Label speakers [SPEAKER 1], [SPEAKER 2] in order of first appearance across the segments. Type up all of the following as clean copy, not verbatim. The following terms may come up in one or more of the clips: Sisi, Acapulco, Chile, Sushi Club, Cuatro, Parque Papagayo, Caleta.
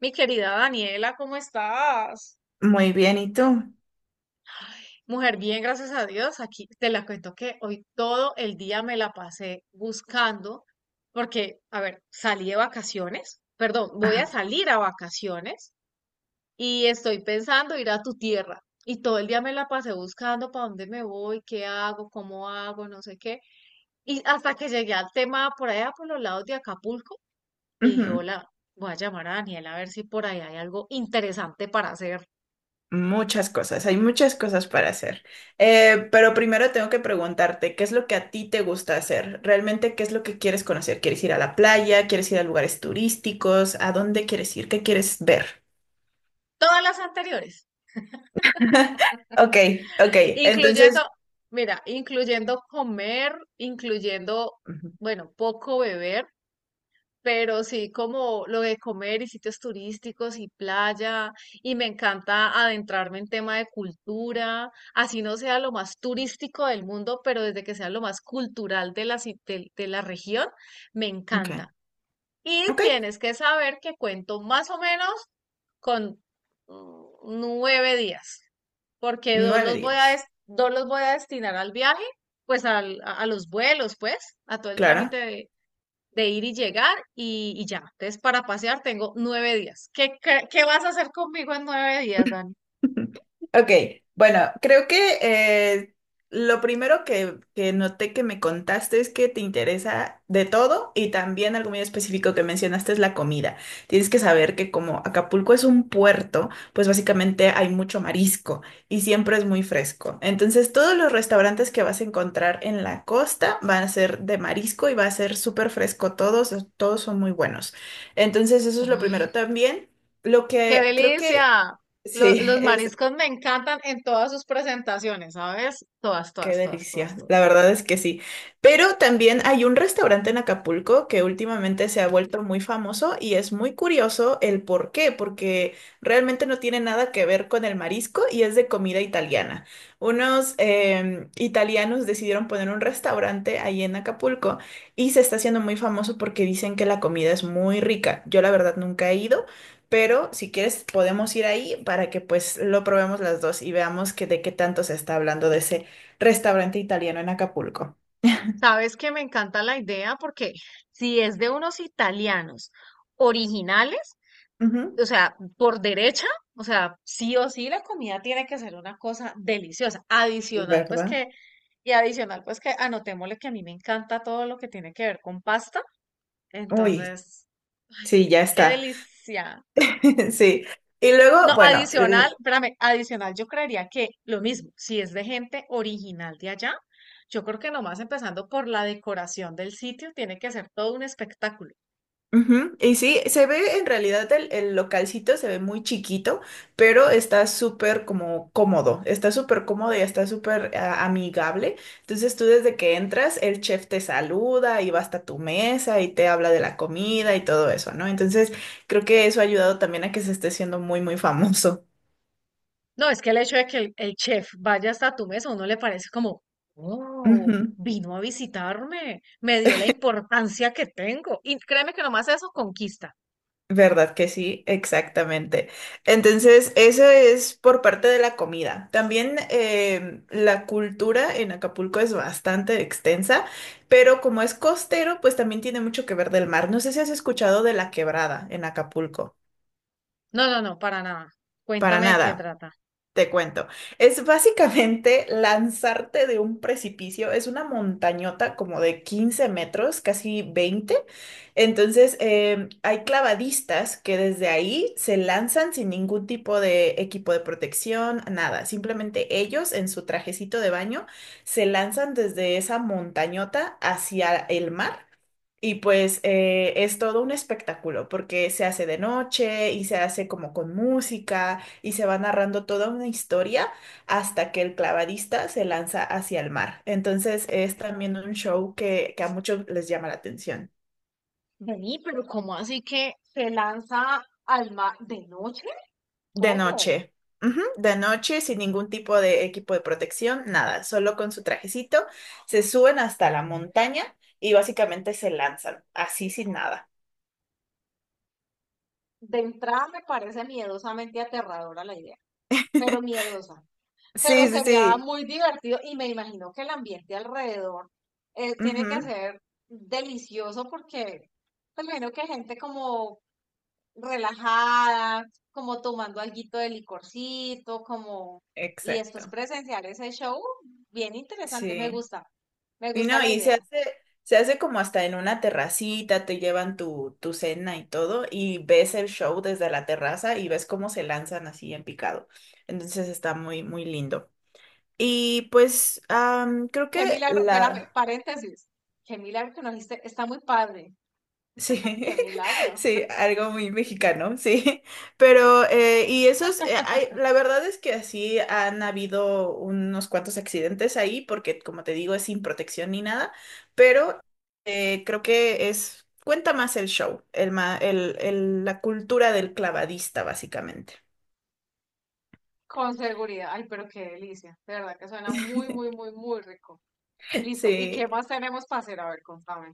[SPEAKER 1] Mi querida Daniela, ¿cómo estás?
[SPEAKER 2] Muy bien, ¿y tú?
[SPEAKER 1] Mujer, bien, gracias a Dios. Aquí te la cuento que hoy todo el día me la pasé buscando porque, a ver, salí de vacaciones, perdón, voy a
[SPEAKER 2] Ajá.
[SPEAKER 1] salir a vacaciones y estoy pensando ir a tu tierra. Y todo el día me la pasé buscando para dónde me voy, qué hago, cómo hago, no sé qué. Y hasta que llegué al tema por allá, por los lados de Acapulco, y dije,
[SPEAKER 2] Ujú.
[SPEAKER 1] hola, voy a llamar a Daniela a ver si por ahí hay algo interesante para hacer.
[SPEAKER 2] Muchas cosas, hay muchas cosas para hacer. Pero primero tengo que preguntarte, ¿qué es lo que a ti te gusta hacer? ¿Realmente qué es lo que quieres conocer? ¿Quieres ir a la playa? ¿Quieres ir a lugares turísticos? ¿A dónde quieres ir? ¿Qué quieres ver?
[SPEAKER 1] Todas las anteriores.
[SPEAKER 2] Ok, ok,
[SPEAKER 1] Incluyendo,
[SPEAKER 2] entonces.
[SPEAKER 1] mira, incluyendo comer, incluyendo,
[SPEAKER 2] Ujú.
[SPEAKER 1] bueno, poco beber, pero sí como lo de comer y sitios turísticos y playa, y me encanta adentrarme en tema de cultura, así no sea lo más turístico del mundo, pero desde que sea lo más cultural de la, de la región, me
[SPEAKER 2] Ok,
[SPEAKER 1] encanta. Y
[SPEAKER 2] ok,
[SPEAKER 1] tienes que saber que cuento más o menos con mm, 9 días, porque
[SPEAKER 2] nueve días.
[SPEAKER 1] dos los voy a destinar al viaje, pues a los vuelos, pues, a todo el trámite
[SPEAKER 2] Claro.
[SPEAKER 1] de ir y llegar y ya. Entonces, para pasear tengo 9 días. ¿Qué vas a hacer conmigo en 9 días, Dani?
[SPEAKER 2] Ok, bueno, creo que eh, lo primero que, noté que me contaste es que te interesa de todo y también algo muy específico que mencionaste es la comida. Tienes que saber que como Acapulco es un puerto, pues básicamente hay mucho marisco y siempre es muy fresco. Entonces todos los restaurantes que vas a encontrar en la costa van a ser de marisco y va a ser súper fresco todos son muy buenos. Entonces eso es lo primero.
[SPEAKER 1] Uy,
[SPEAKER 2] También lo
[SPEAKER 1] qué
[SPEAKER 2] que creo que.
[SPEAKER 1] delicia. Lo-
[SPEAKER 2] Sí,
[SPEAKER 1] los mariscos me encantan en todas sus presentaciones, ¿sabes? Todas,
[SPEAKER 2] qué
[SPEAKER 1] todas, todas, todas,
[SPEAKER 2] delicia, la
[SPEAKER 1] todas.
[SPEAKER 2] verdad es que sí. Pero también hay un restaurante en Acapulco que últimamente se ha vuelto muy famoso y es muy curioso el por qué, porque realmente no tiene nada que ver con el marisco y es de comida italiana. Unos italianos decidieron poner un restaurante ahí en Acapulco y se está haciendo muy famoso porque dicen que la comida es muy rica. Yo la verdad nunca he ido. Pero si quieres podemos ir ahí para que pues lo probemos las dos y veamos que de qué tanto se está hablando de ese restaurante italiano en Acapulco.
[SPEAKER 1] Sabes que me encanta la idea porque si es de unos italianos originales,
[SPEAKER 2] Ujú.
[SPEAKER 1] o sea, por derecha, o sea, sí o sí la comida tiene que ser una cosa deliciosa. Adicional, pues
[SPEAKER 2] ¿Verdad?
[SPEAKER 1] que, y adicional, pues que anotémosle que a mí me encanta todo lo que tiene que ver con pasta.
[SPEAKER 2] Uy,
[SPEAKER 1] Entonces, ay,
[SPEAKER 2] sí,
[SPEAKER 1] qué,
[SPEAKER 2] ya
[SPEAKER 1] qué
[SPEAKER 2] está.
[SPEAKER 1] delicia.
[SPEAKER 2] Sí. Y luego,
[SPEAKER 1] No,
[SPEAKER 2] bueno.
[SPEAKER 1] adicional, espérame, adicional, yo creería que lo mismo, si es de gente original de allá, yo creo que nomás empezando por la decoración del sitio, tiene que ser todo un espectáculo.
[SPEAKER 2] Ujú. Y sí, se ve en realidad el localcito, se ve muy chiquito, pero está súper como cómodo, está súper cómodo y está súper amigable. Entonces tú desde que entras, el chef te saluda y va hasta tu mesa y te habla de la comida y todo eso, ¿no? Entonces creo que eso ha ayudado también a que se esté siendo muy, muy famoso.
[SPEAKER 1] No, es que el hecho de que el chef vaya hasta tu mesa, a uno le parece como, oh,
[SPEAKER 2] Ujú.
[SPEAKER 1] vino a visitarme, me dio la importancia que tengo. Y créeme que nomás eso conquista.
[SPEAKER 2] ¿Verdad que sí? Exactamente. Entonces, eso es por parte de la comida. También la cultura en Acapulco es bastante extensa, pero como es costero, pues también tiene mucho que ver del mar. No sé si has escuchado de la quebrada en Acapulco.
[SPEAKER 1] No, no, no, para nada.
[SPEAKER 2] Para
[SPEAKER 1] Cuéntame de qué
[SPEAKER 2] nada.
[SPEAKER 1] trata.
[SPEAKER 2] Te cuento. Es básicamente lanzarte de un precipicio. Es una montañota como de 15 metros, casi 20. Entonces, hay clavadistas que desde ahí se lanzan sin ningún tipo de equipo de protección, nada. Simplemente ellos en su trajecito de baño se lanzan desde esa montañota hacia el mar. Y pues es todo un espectáculo porque se hace de noche y se hace como con música y se va narrando toda una historia hasta que el clavadista se lanza hacia el mar. Entonces es también un show que a muchos les llama la atención.
[SPEAKER 1] Vení, pero ¿cómo así que se lanza al mar de noche?
[SPEAKER 2] De
[SPEAKER 1] ¿Cómo?
[SPEAKER 2] noche. Ujú. De noche, sin ningún tipo de equipo de protección, nada, solo con su trajecito, se suben hasta la montaña y básicamente se lanzan, así sin nada.
[SPEAKER 1] De entrada me parece miedosamente aterradora la idea, pero miedosa. Pero
[SPEAKER 2] Sí, sí,
[SPEAKER 1] sería
[SPEAKER 2] sí.
[SPEAKER 1] muy divertido y me imagino que el ambiente alrededor tiene que
[SPEAKER 2] Ujú.
[SPEAKER 1] ser delicioso porque pues, me imagino que gente como relajada, como tomando alguito de licorcito, como... Y después
[SPEAKER 2] Exacto.
[SPEAKER 1] presenciar ese show, bien interesante,
[SPEAKER 2] Sí.
[SPEAKER 1] me
[SPEAKER 2] Y
[SPEAKER 1] gusta
[SPEAKER 2] no,
[SPEAKER 1] la
[SPEAKER 2] y
[SPEAKER 1] idea.
[SPEAKER 2] se hace como hasta en una terracita, te llevan tu, cena y todo, y ves el show desde la terraza y ves cómo se lanzan así en picado. Entonces está muy, muy lindo. Y pues creo
[SPEAKER 1] Qué
[SPEAKER 2] que
[SPEAKER 1] milagro, espérame,
[SPEAKER 2] la.
[SPEAKER 1] paréntesis, qué milagro que nos dijiste, está muy padre,
[SPEAKER 2] Sí,
[SPEAKER 1] qué milagro.
[SPEAKER 2] sí, algo muy mexicano, sí. Pero, y esos, la verdad es que así han habido unos cuantos accidentes ahí, porque como te digo, es sin protección ni nada, pero creo que es, cuenta más el show, el, ma- el- la cultura del clavadista, básicamente.
[SPEAKER 1] Con seguridad. Ay, pero qué delicia. De verdad que suena muy, muy, muy, muy rico. Listo. ¿Y qué
[SPEAKER 2] Sí.
[SPEAKER 1] más tenemos para hacer? A ver, contame.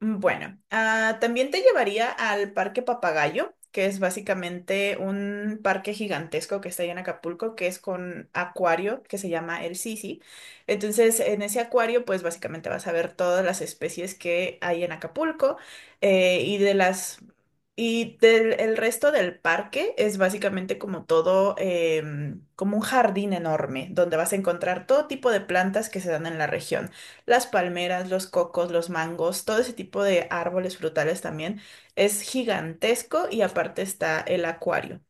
[SPEAKER 2] Bueno, también te llevaría al Parque Papagayo, que es básicamente un parque gigantesco que está ahí en Acapulco, que es con acuario que se llama el Sisi. Entonces, en ese acuario, pues básicamente vas a ver todas las especies que hay en Acapulco y de las y del el resto del parque es básicamente como todo, como un jardín enorme, donde vas a encontrar todo tipo de plantas que se dan en la región las palmeras, los cocos, los mangos, todo ese tipo de árboles frutales también. Es gigantesco y aparte está el acuario.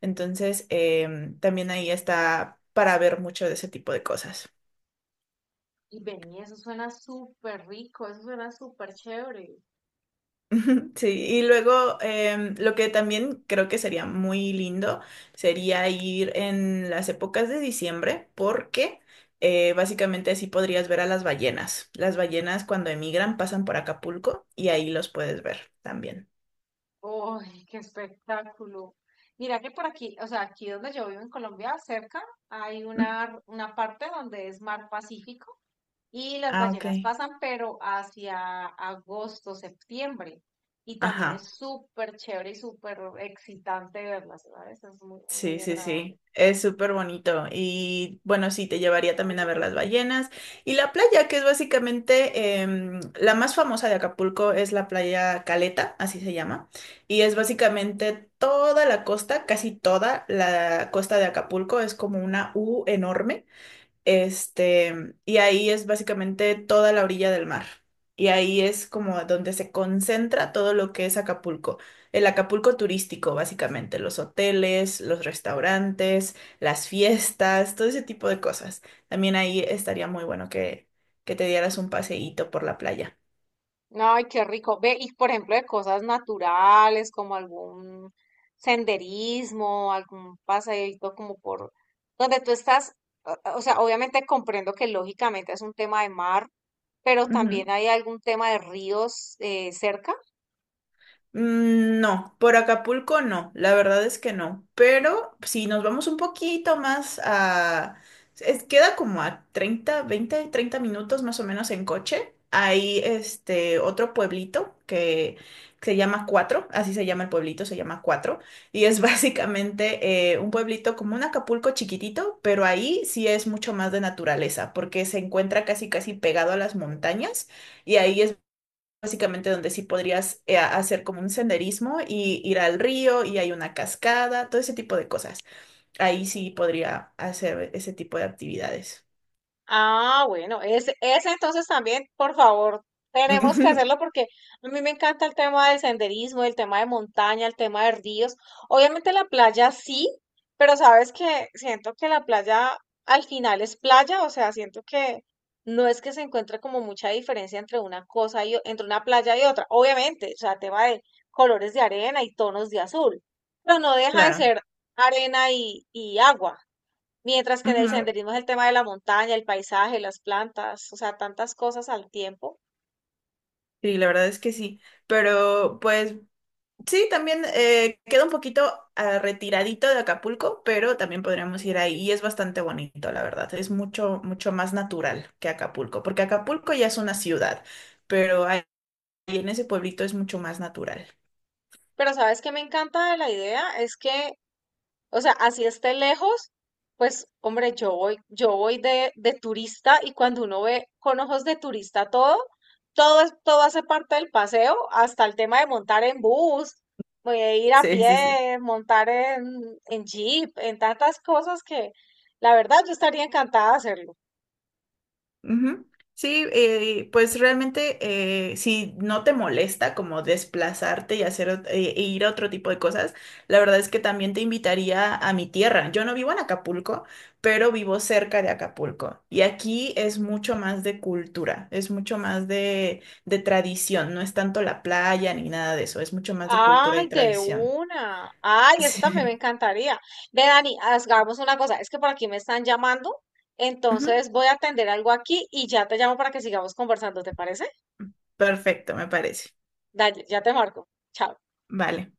[SPEAKER 2] Entonces, también ahí está para ver mucho de ese tipo de cosas.
[SPEAKER 1] Y vení, eso suena súper rico, eso suena súper chévere.
[SPEAKER 2] Sí, y luego lo que también creo que sería muy lindo sería ir en las épocas de diciembre porque básicamente así podrías ver a las ballenas. Las ballenas cuando emigran pasan por Acapulco y ahí los puedes ver también.
[SPEAKER 1] ¡Ay, qué espectáculo! Mira que por aquí, o sea, aquí donde yo vivo en Colombia, cerca, hay una parte donde es mar Pacífico y las
[SPEAKER 2] Ah, ok.
[SPEAKER 1] ballenas pasan, pero hacia agosto, septiembre. Y también es
[SPEAKER 2] Ajá.
[SPEAKER 1] súper chévere y súper excitante verlas, ¿sabes? Es muy,
[SPEAKER 2] Sí,
[SPEAKER 1] muy
[SPEAKER 2] sí,
[SPEAKER 1] agradable.
[SPEAKER 2] sí. Es súper bonito. Y bueno, sí, te llevaría también a ver las ballenas. Y la playa, que es básicamente la más famosa de Acapulco, es la playa Caleta, así se llama. Y es básicamente toda la costa, casi toda la costa de Acapulco, es como una U enorme. Este, y ahí es básicamente toda la orilla del mar. Y ahí es como donde se concentra todo lo que es Acapulco. El Acapulco turístico, básicamente, los hoteles, los restaurantes, las fiestas, todo ese tipo de cosas. También ahí estaría muy bueno que, te dieras un paseíto por la playa.
[SPEAKER 1] Ay, qué rico. Ve, y por ejemplo, de cosas naturales, como algún senderismo, algún paseíto como por donde tú estás, o sea, obviamente comprendo que lógicamente es un tema de mar, pero
[SPEAKER 2] Ujú.
[SPEAKER 1] también hay algún tema de ríos cerca.
[SPEAKER 2] No, por Acapulco no, la verdad es que no. Pero si nos vamos un poquito más a. Queda como a 30, 20, 30 minutos más o menos en coche. Hay este otro pueblito que se llama Cuatro, así se llama el pueblito, se llama Cuatro. Y es básicamente un pueblito como un Acapulco chiquitito, pero ahí sí es mucho más de naturaleza, porque se encuentra casi casi pegado a las montañas y ahí es básicamente donde sí podrías hacer como un senderismo y ir al río y hay una cascada, todo ese tipo de cosas. Ahí sí podría hacer ese tipo de actividades.
[SPEAKER 1] Ah, bueno, ese entonces también, por favor, tenemos que hacerlo porque a mí me encanta el tema del senderismo, el tema de montaña, el tema de ríos. Obviamente la playa sí, pero sabes que siento que la playa al final es playa, o sea, siento que no es que se encuentre como mucha diferencia entre una cosa entre una playa y otra. Obviamente, o sea, tema de colores de arena y tonos de azul, pero no deja de
[SPEAKER 2] Claro.
[SPEAKER 1] ser arena y agua. Mientras que en el
[SPEAKER 2] Ujú.
[SPEAKER 1] senderismo es el tema de la montaña, el paisaje, las plantas, o sea, tantas cosas al tiempo.
[SPEAKER 2] Sí, la verdad es que sí. Pero pues sí, también queda un poquito retiradito de Acapulco, pero también podríamos ir ahí y es bastante bonito, la verdad. Es mucho, mucho más natural que Acapulco, porque Acapulco ya es una ciudad, pero ahí en ese pueblito es mucho más natural.
[SPEAKER 1] Pero sabes que me encanta de la idea es que, o sea, así esté lejos, pues hombre, yo voy de turista y cuando uno ve con ojos de turista todo, todo, todo hace parte del paseo, hasta el tema de montar en bus, voy a ir a
[SPEAKER 2] Sí, sí, sí.
[SPEAKER 1] pie, montar en jeep, en tantas cosas que la verdad yo estaría encantada de hacerlo.
[SPEAKER 2] Ujú. Sí, pues realmente si no te molesta como desplazarte y hacer ir a otro tipo de cosas, la verdad es que también te invitaría a mi tierra. Yo no vivo en Acapulco, pero vivo cerca de Acapulco y aquí es mucho más de cultura, es mucho más de tradición, no es tanto la playa ni nada de eso, es mucho más de cultura
[SPEAKER 1] Ay,
[SPEAKER 2] y
[SPEAKER 1] de
[SPEAKER 2] tradición.
[SPEAKER 1] una. Ay, eso también me
[SPEAKER 2] Sí.
[SPEAKER 1] encantaría. Ve, Dani, hagamos una cosa. Es que por aquí me están llamando,
[SPEAKER 2] Ujú.
[SPEAKER 1] entonces voy a atender algo aquí y ya te llamo para que sigamos conversando, ¿te parece?
[SPEAKER 2] Perfecto, me parece.
[SPEAKER 1] Dale, ya te marco. Chao.
[SPEAKER 2] Vale.